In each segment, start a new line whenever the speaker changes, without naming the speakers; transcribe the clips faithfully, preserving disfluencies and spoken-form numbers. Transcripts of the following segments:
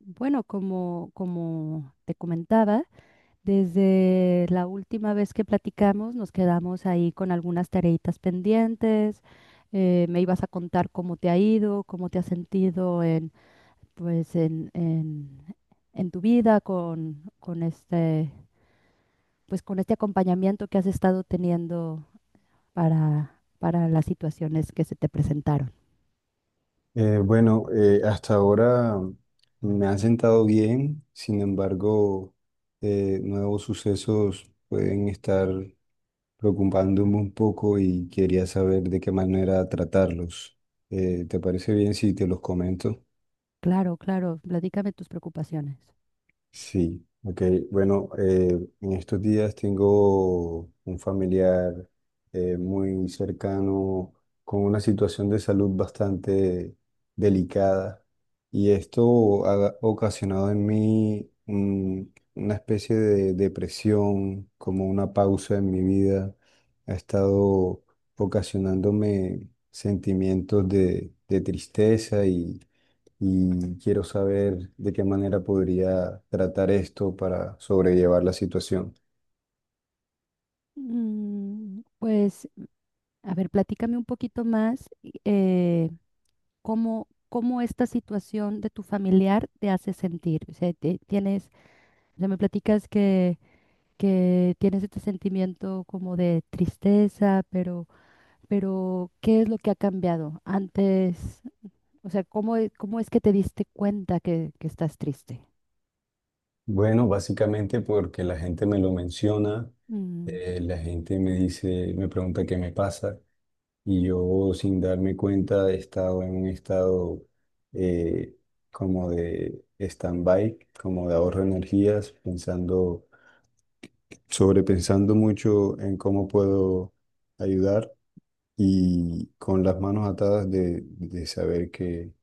Bueno, como, como te comentaba, desde la última vez que platicamos nos quedamos ahí con algunas tareitas pendientes. Eh, me ibas a contar cómo te ha ido, cómo te has sentido en, pues, en, en, en tu vida con, con este, pues, con este acompañamiento que has estado teniendo para, para las situaciones que se te presentaron.
Eh, bueno, eh, hasta ahora me han sentado bien. Sin embargo, eh, nuevos sucesos pueden estar preocupándome un poco y quería saber de qué manera tratarlos. Eh, ¿te parece bien si te los comento?
Claro, claro, platícame tus preocupaciones.
Sí, ok. Bueno, eh, en estos días tengo un familiar eh, muy cercano, con una situación de salud bastante delicada, y esto ha ocasionado en mí, mm, una especie de depresión, como una pausa en mi vida. Ha estado ocasionándome sentimientos de, de tristeza, y quiero saber de qué manera podría tratar esto para sobrellevar la situación.
Mm. Pues a ver, platícame un poquito más, eh, cómo, cómo esta situación de tu familiar te hace sentir. O sea, te- tienes, o sea, me platicas que, que tienes este sentimiento como de tristeza, pero, pero ¿qué es lo que ha cambiado antes? O sea, ¿cómo, e- cómo es que te diste cuenta que, que estás triste?
Bueno, básicamente porque la gente me lo menciona.
Mm,
Eh, la gente me dice, me pregunta qué me pasa, y yo, sin darme cuenta, he estado en un estado, eh, como de stand-by, como de ahorro de energías, pensando, sobrepensando mucho en cómo puedo ayudar, y con las manos atadas de, de saber que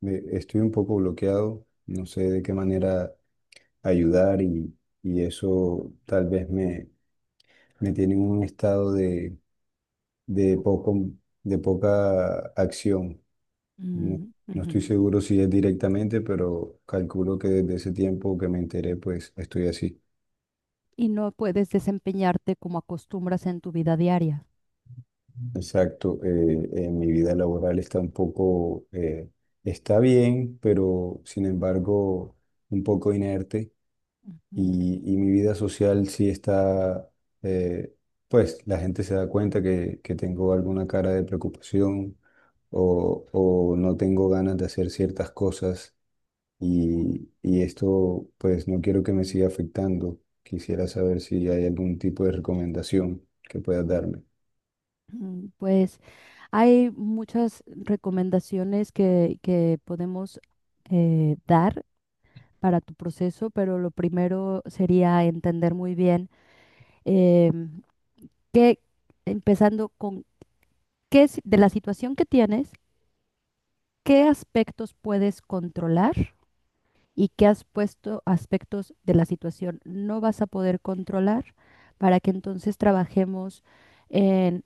de- estoy un poco bloqueado, no sé de qué manera ayudar, y, y eso tal vez me, me tiene en un estado de, de poco, de poca acción. No,
mm,
no
ujú.
estoy seguro si es directamente, pero calculo que desde ese tiempo que me enteré, pues estoy así.
Y no puedes desempeñarte como acostumbras en tu vida diaria.
Exacto. Eh, eh, mi vida laboral está un poco, eh, está bien, pero sin embargo, un poco inerte.
Ujú.
Y, y mi vida social sí está, eh, pues la gente se da cuenta que, que tengo alguna cara de preocupación, o, o no tengo ganas de hacer ciertas cosas, y, y esto pues no quiero que me siga afectando. Quisiera saber si hay algún tipo de recomendación que puedas darme.
Mm. Pues hay muchas recomendaciones que, que podemos, eh, dar para tu proceso, pero lo primero sería entender muy bien, eh, qué, empezando con qué si- de la situación que tienes, qué aspectos puedes controlar y qué has puesto aspectos de la situación no vas a poder controlar para que entonces trabajemos en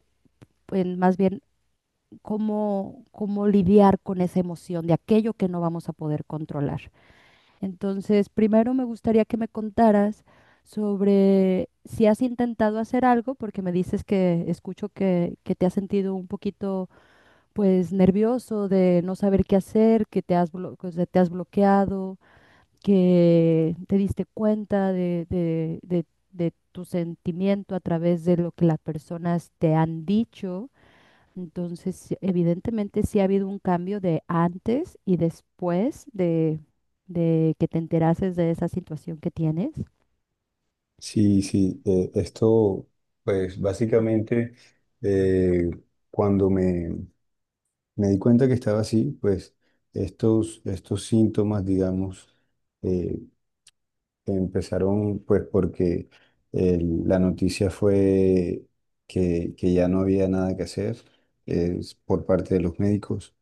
en más bien cómo, cómo lidiar con esa emoción de aquello que no vamos a poder controlar. Entonces, primero me gustaría que me contaras sobre si has intentado hacer algo, porque me dices que escucho que, que te has sentido un poquito, pues, nervioso de no saber qué hacer, que te has, blo- o sea, te has bloqueado, que te diste cuenta de, de de- de tu sentimiento a través de lo que las personas te han dicho. Entonces, sí, evidentemente sí ha habido un cambio de antes y después de, de que te enterases de esa situación que tienes.
Sí, sí. Eh, esto, pues básicamente, eh, cuando me me di cuenta que estaba así, pues estos, estos síntomas, digamos, eh, empezaron pues porque el- la noticia fue que, que ya no había nada que hacer eh, por parte de los médicos.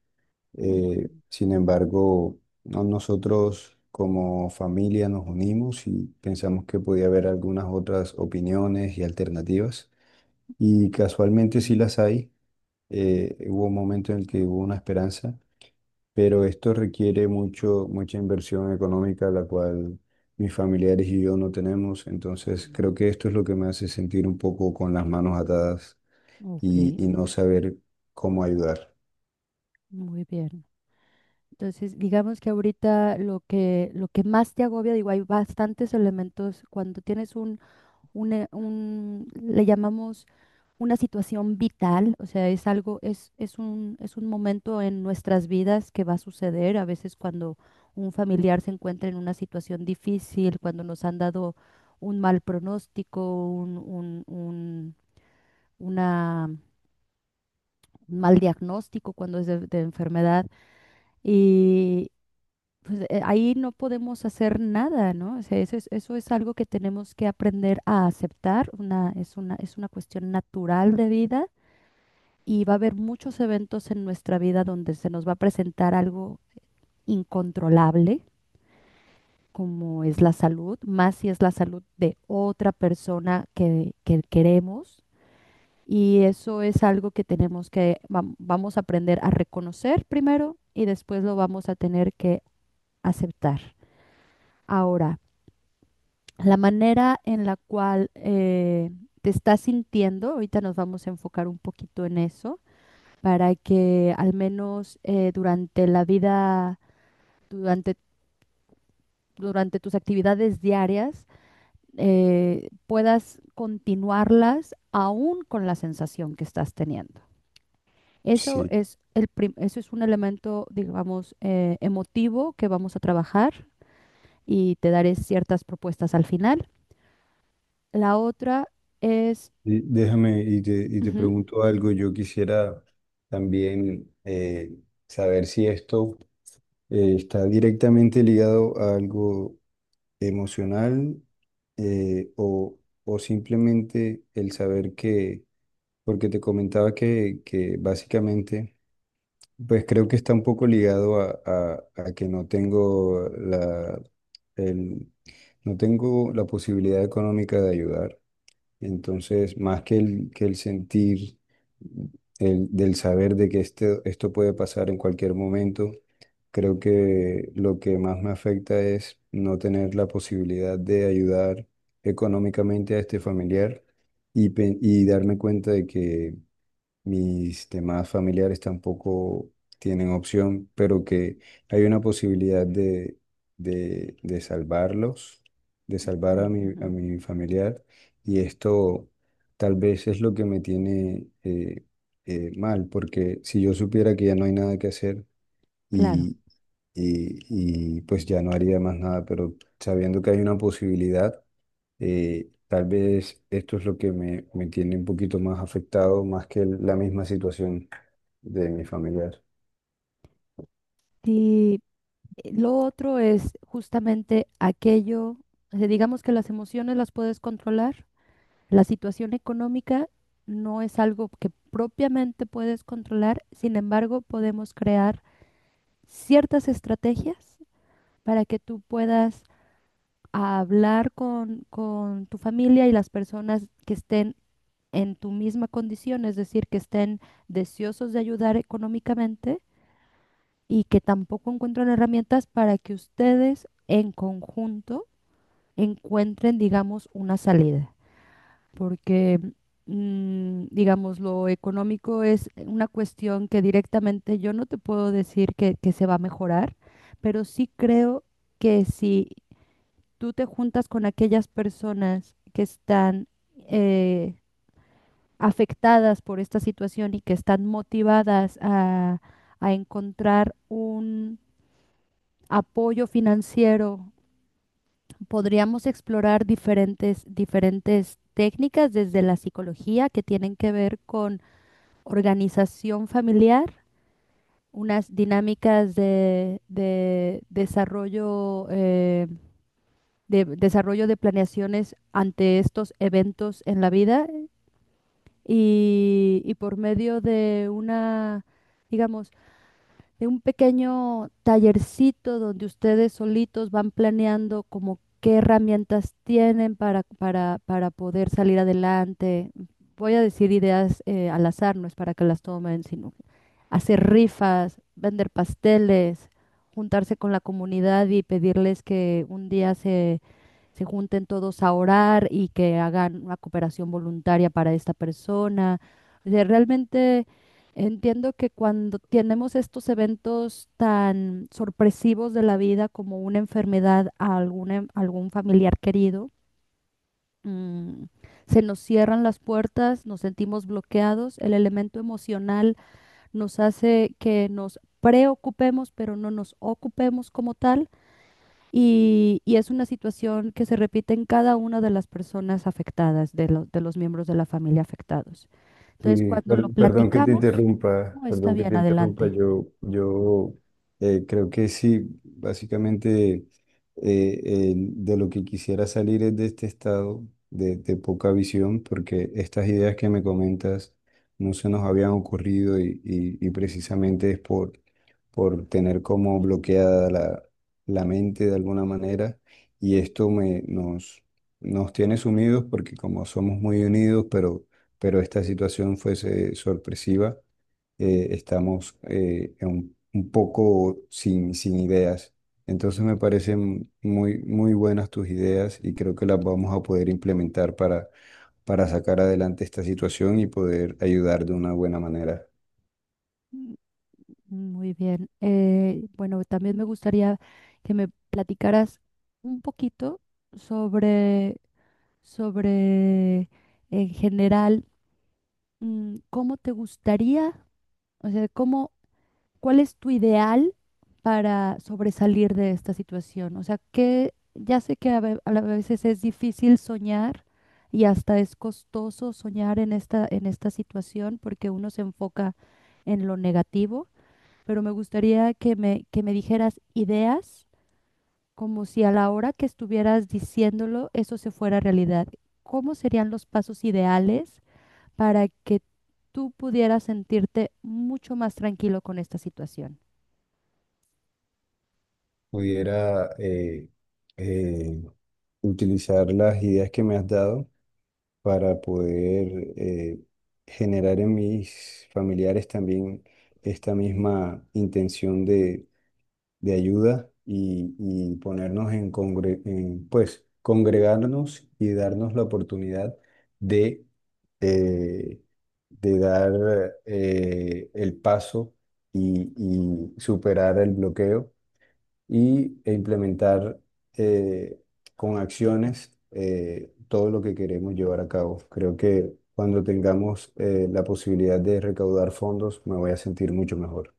Eh,
Ujú,
sin embargo, no- nosotros como familia nos unimos y pensamos que podía haber algunas otras opiniones y alternativas. Y casualmente sí las hay. Eh, hubo un momento en el que hubo una esperanza, pero esto requiere mucho, mucha inversión económica, la cual mis familiares y yo no tenemos. Entonces,
ujú.
creo que esto es lo que me hace sentir un poco con las manos atadas
Ok,
y, y no saber cómo ayudar.
muy bien. Entonces, digamos que ahorita lo que, lo que más te agobia, digo, hay bastantes elementos cuando tienes un una- un, le llamamos una situación vital, o sea, es algo, es, es un, es un momento en nuestras vidas que va a suceder, a veces cuando un familiar se encuentra en una situación difícil, cuando nos han dado un mal pronóstico, un, un, un- una mal diagnóstico, cuando es de, de enfermedad. Y pues, eh, ahí no podemos hacer nada, ¿no? O sea, eso es, eso es algo que tenemos que aprender a aceptar. Una, es una, es una cuestión natural de vida y va a haber muchos eventos en nuestra vida donde se nos va a presentar algo incontrolable, como es la salud, más si es la salud de otra persona que, que queremos y eso es algo que tenemos que, vam- vamos a aprender a reconocer primero y después lo vamos a tener que aceptar. Ahora, la manera en la cual eh, te estás sintiendo, ahorita nos vamos a enfocar un poquito en eso, para que al menos eh, durante la vida, durante, durante tus actividades diarias, eh, puedas continuarlas aún con la sensación que estás teniendo. Eso
Sí.
es el prim- eso es un elemento, digamos, eh, emotivo que vamos a trabajar y te daré ciertas propuestas al final. La otra es,
Y déjame y te, y te
ujú,
pregunto algo. Yo quisiera también, eh, saber si esto eh, está directamente ligado a algo emocional, eh, o, o simplemente el saber que, porque te comentaba que, que básicamente... Pues creo que está un poco ligado a, a- a que no tengo la, el- no tengo la posibilidad económica de ayudar. Entonces, más que el, que el sentir el, del saber de que este, esto puede pasar en cualquier momento, creo que lo que más me afecta es no tener la posibilidad de ayudar económicamente a este familiar, y, pe- y darme cuenta de que mis demás familiares tampoco tienen opción, pero que hay una posibilidad de, de, de salvarlos, de salvar
ujú,
a mi,
ujú,
a mi familiar, y esto tal vez es lo que me tiene, eh, eh, mal, porque si yo supiera que ya no hay nada que hacer,
claro.
y, y, y pues ya no haría más nada, pero sabiendo que hay una posibilidad, eh, tal vez esto es lo que me, me tiene un poquito más afectado, más que la misma situación de mi familiar.
Y eh, lo otro es justamente aquello, o sea, digamos que las emociones las puedes controlar. La situación económica no es algo que propiamente puedes controlar, sin embargo, podemos crear ciertas estrategias para que tú puedas a hablar con, con tu familia y las personas que estén en tu misma condición, es decir, que estén deseosos de ayudar económicamente y que tampoco encuentran herramientas para que ustedes en conjunto encuentren, digamos, una salida. Porque, mm, digamos, lo económico es una cuestión que directamente yo no te puedo decir que, que se va a mejorar, pero sí creo que si tú te juntas con aquellas personas que están, eh, afectadas por esta situación y que están motivadas a, a encontrar un apoyo financiero, podríamos explorar diferentes, diferentes técnicas desde la psicología que tienen que ver con organización familiar, unas dinámicas de, de desarrollo, eh, de desarrollo de planeaciones ante estos eventos en la vida y, y por medio de una, digamos, de un pequeño tallercito donde ustedes solitos van planeando como qué herramientas tienen para, para, para poder salir adelante. Voy a decir ideas, eh, al azar, no es para que las tomen, sino hacer rifas, vender pasteles, juntarse con la comunidad y pedirles que un día se, se junten todos a orar y que hagan una cooperación voluntaria para esta persona. O sea, realmente entiendo que cuando tenemos estos eventos tan sorpresivos de la vida como una enfermedad a alguna- algún familiar querido, mm, se nos cierran las puertas, nos sentimos bloqueados, el elemento emocional nos hace que nos preocupemos, pero no nos ocupemos como tal, y, y es una situación que se repite en cada una de las personas afectadas, de, lo- de los miembros de la familia afectados. Entonces,
Y
cuando
per-
lo
perdón que te
platicamos,
interrumpa,
no está
perdón que te
bien,
interrumpa,
adelante.
yo, yo eh, creo que sí, básicamente, eh, el- de lo que quisiera salir es de este estado de, de poca visión, porque estas ideas que me comentas no se nos habían ocurrido, y, y- y precisamente es por, por tener como bloqueada la, la mente de alguna manera, y esto me, nos, nos tiene sumidos, porque como somos muy unidos, pero pero esta situación fuese sorpresiva. Eh, estamos, eh, en un, un poco sin, sin ideas. Entonces me parecen muy, muy buenas tus ideas, y creo que las vamos a poder implementar para, para sacar adelante esta situación y poder ayudar de una buena manera.
Mm, muy bien. Eh, bueno, también me gustaría que me platicaras un poquito sobre, sobre en general, mm, cómo te gustaría, o sea, cómo ¿cuál es tu ideal para sobresalir de esta situación? O sea, que ya sé que a ve- a la- a veces es difícil soñar y hasta es costoso soñar en esta, en esta situación porque uno se enfoca en lo negativo, pero me gustaría que me, que me dijeras ideas como si a la hora que estuvieras diciéndolo eso se fuera realidad. ¿Cómo serían los pasos ideales para que tú pudieras sentirte mucho más tranquilo con esta situación?
Pudiera, eh, eh, utilizar las ideas que me has dado para poder, eh, generar en mis familiares también esta misma intención de, de ayuda, y, y ponernos en, congre- en, pues, congregarnos y darnos la oportunidad de, eh, de dar, eh, el paso, y, y superar el bloqueo, y, e implementar, eh, con acciones, eh, todo lo que queremos llevar a cabo. Creo que cuando tengamos, eh, la posibilidad de recaudar fondos, me voy a sentir mucho mejor.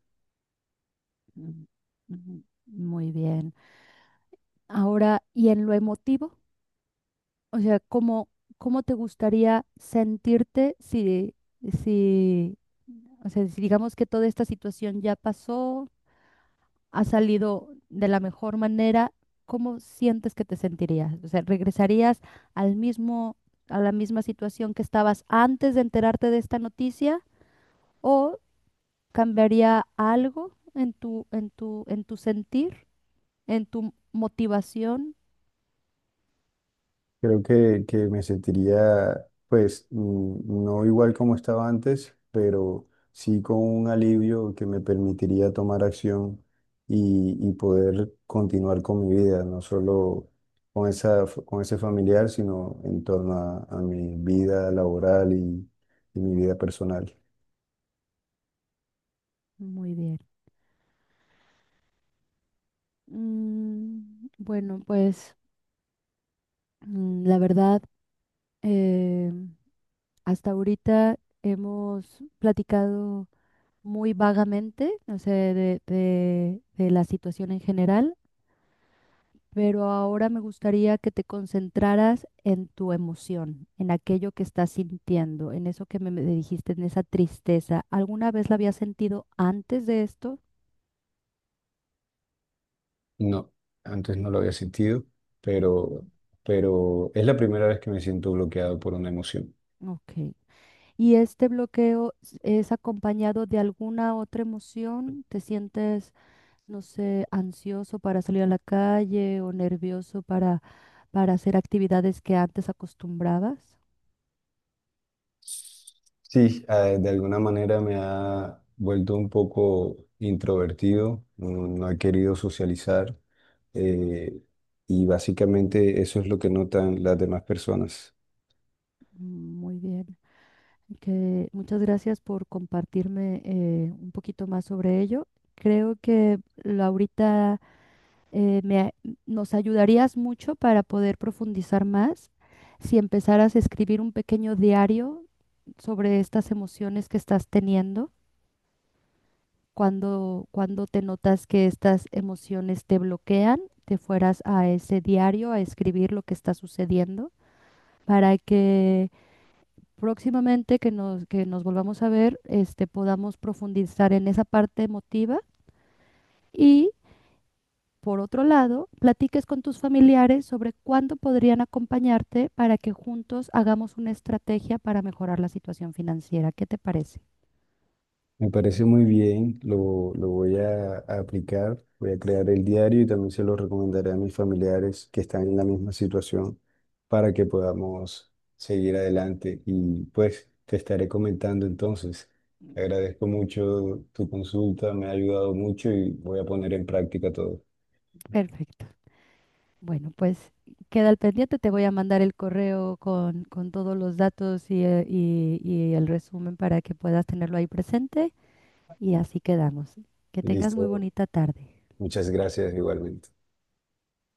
Mm, ujú, muy bien. Ahora, ¿y en lo emotivo? O sea, ¿cómo, cómo te gustaría sentirte si, si, o sea, si digamos que toda esta situación ya pasó, ha salido de la mejor manera, ¿cómo sientes que te sentirías? O sea, ¿regresarías al mismo, a la misma situación que estabas antes de enterarte de esta noticia? ¿O cambiaría algo en tu, en tu, en tu sentir? En tu motivación.
Creo que, que me sentiría, pues, mm, no igual como estaba antes, pero sí con un alivio que me permitiría tomar acción, y, y poder continuar con mi vida, no solo con esa, f- con ese familiar, sino en torno a, a mi vida laboral y, y mi vida personal.
Muy bien. Mm, bueno, pues mm, la verdad, eh, hasta ahorita hemos platicado muy vagamente, o sea, de, de, de la situación en general, pero ahora me gustaría que te concentraras en tu emoción, en aquello que estás sintiendo, en eso que me, me dijiste, en esa tristeza. ¿Alguna vez la habías sentido antes de esto?
No, antes no lo había sentido, pero, pero es la primera vez que me siento bloqueado por una emoción.
Ok. ¿Y este bloqueo es acompañado de alguna otra emoción? ¿Te sientes, no sé, ansioso para salir a la calle o nervioso para, para hacer actividades que antes acostumbrabas?
Sí, eh, de alguna manera me ha vuelto un poco introvertido, no, no he querido socializar, eh, y básicamente eso es lo que notan las demás personas.
Mm, muy bien. Que muchas gracias por compartirme, eh, un poquito más sobre ello. Creo que la- ahorita, eh, me a- nos ayudarías mucho para poder profundizar más si empezaras a escribir un pequeño diario sobre estas emociones que estás teniendo, cuando, cuando te notas que estas emociones te bloquean, te fueras a ese diario a escribir lo que está sucediendo para que próximamente que nos, que nos volvamos a ver, este, podamos profundizar en esa parte emotiva. Y por otro lado, platiques con tus familiares sobre cuándo podrían acompañarte para que juntos hagamos una estrategia para mejorar la situación financiera. ¿Qué te parece?
Me parece muy bien, lo, lo voy a, a aplicar, voy a crear el diario y también se lo recomendaré a mis familiares que están en la misma situación, para que podamos seguir adelante, y pues te estaré comentando entonces. Te agradezco mucho tu consulta, me ha ayudado mucho, y voy a poner en práctica todo.
Perfecto. Bueno, pues queda al pendiente. Te voy a mandar el correo con, con todos los datos y, eh, y- y el resumen para que puedas tenerlo ahí presente. Y así quedamos. Que tengas muy
Listo,
bonita tarde.
muchas gracias igualmente.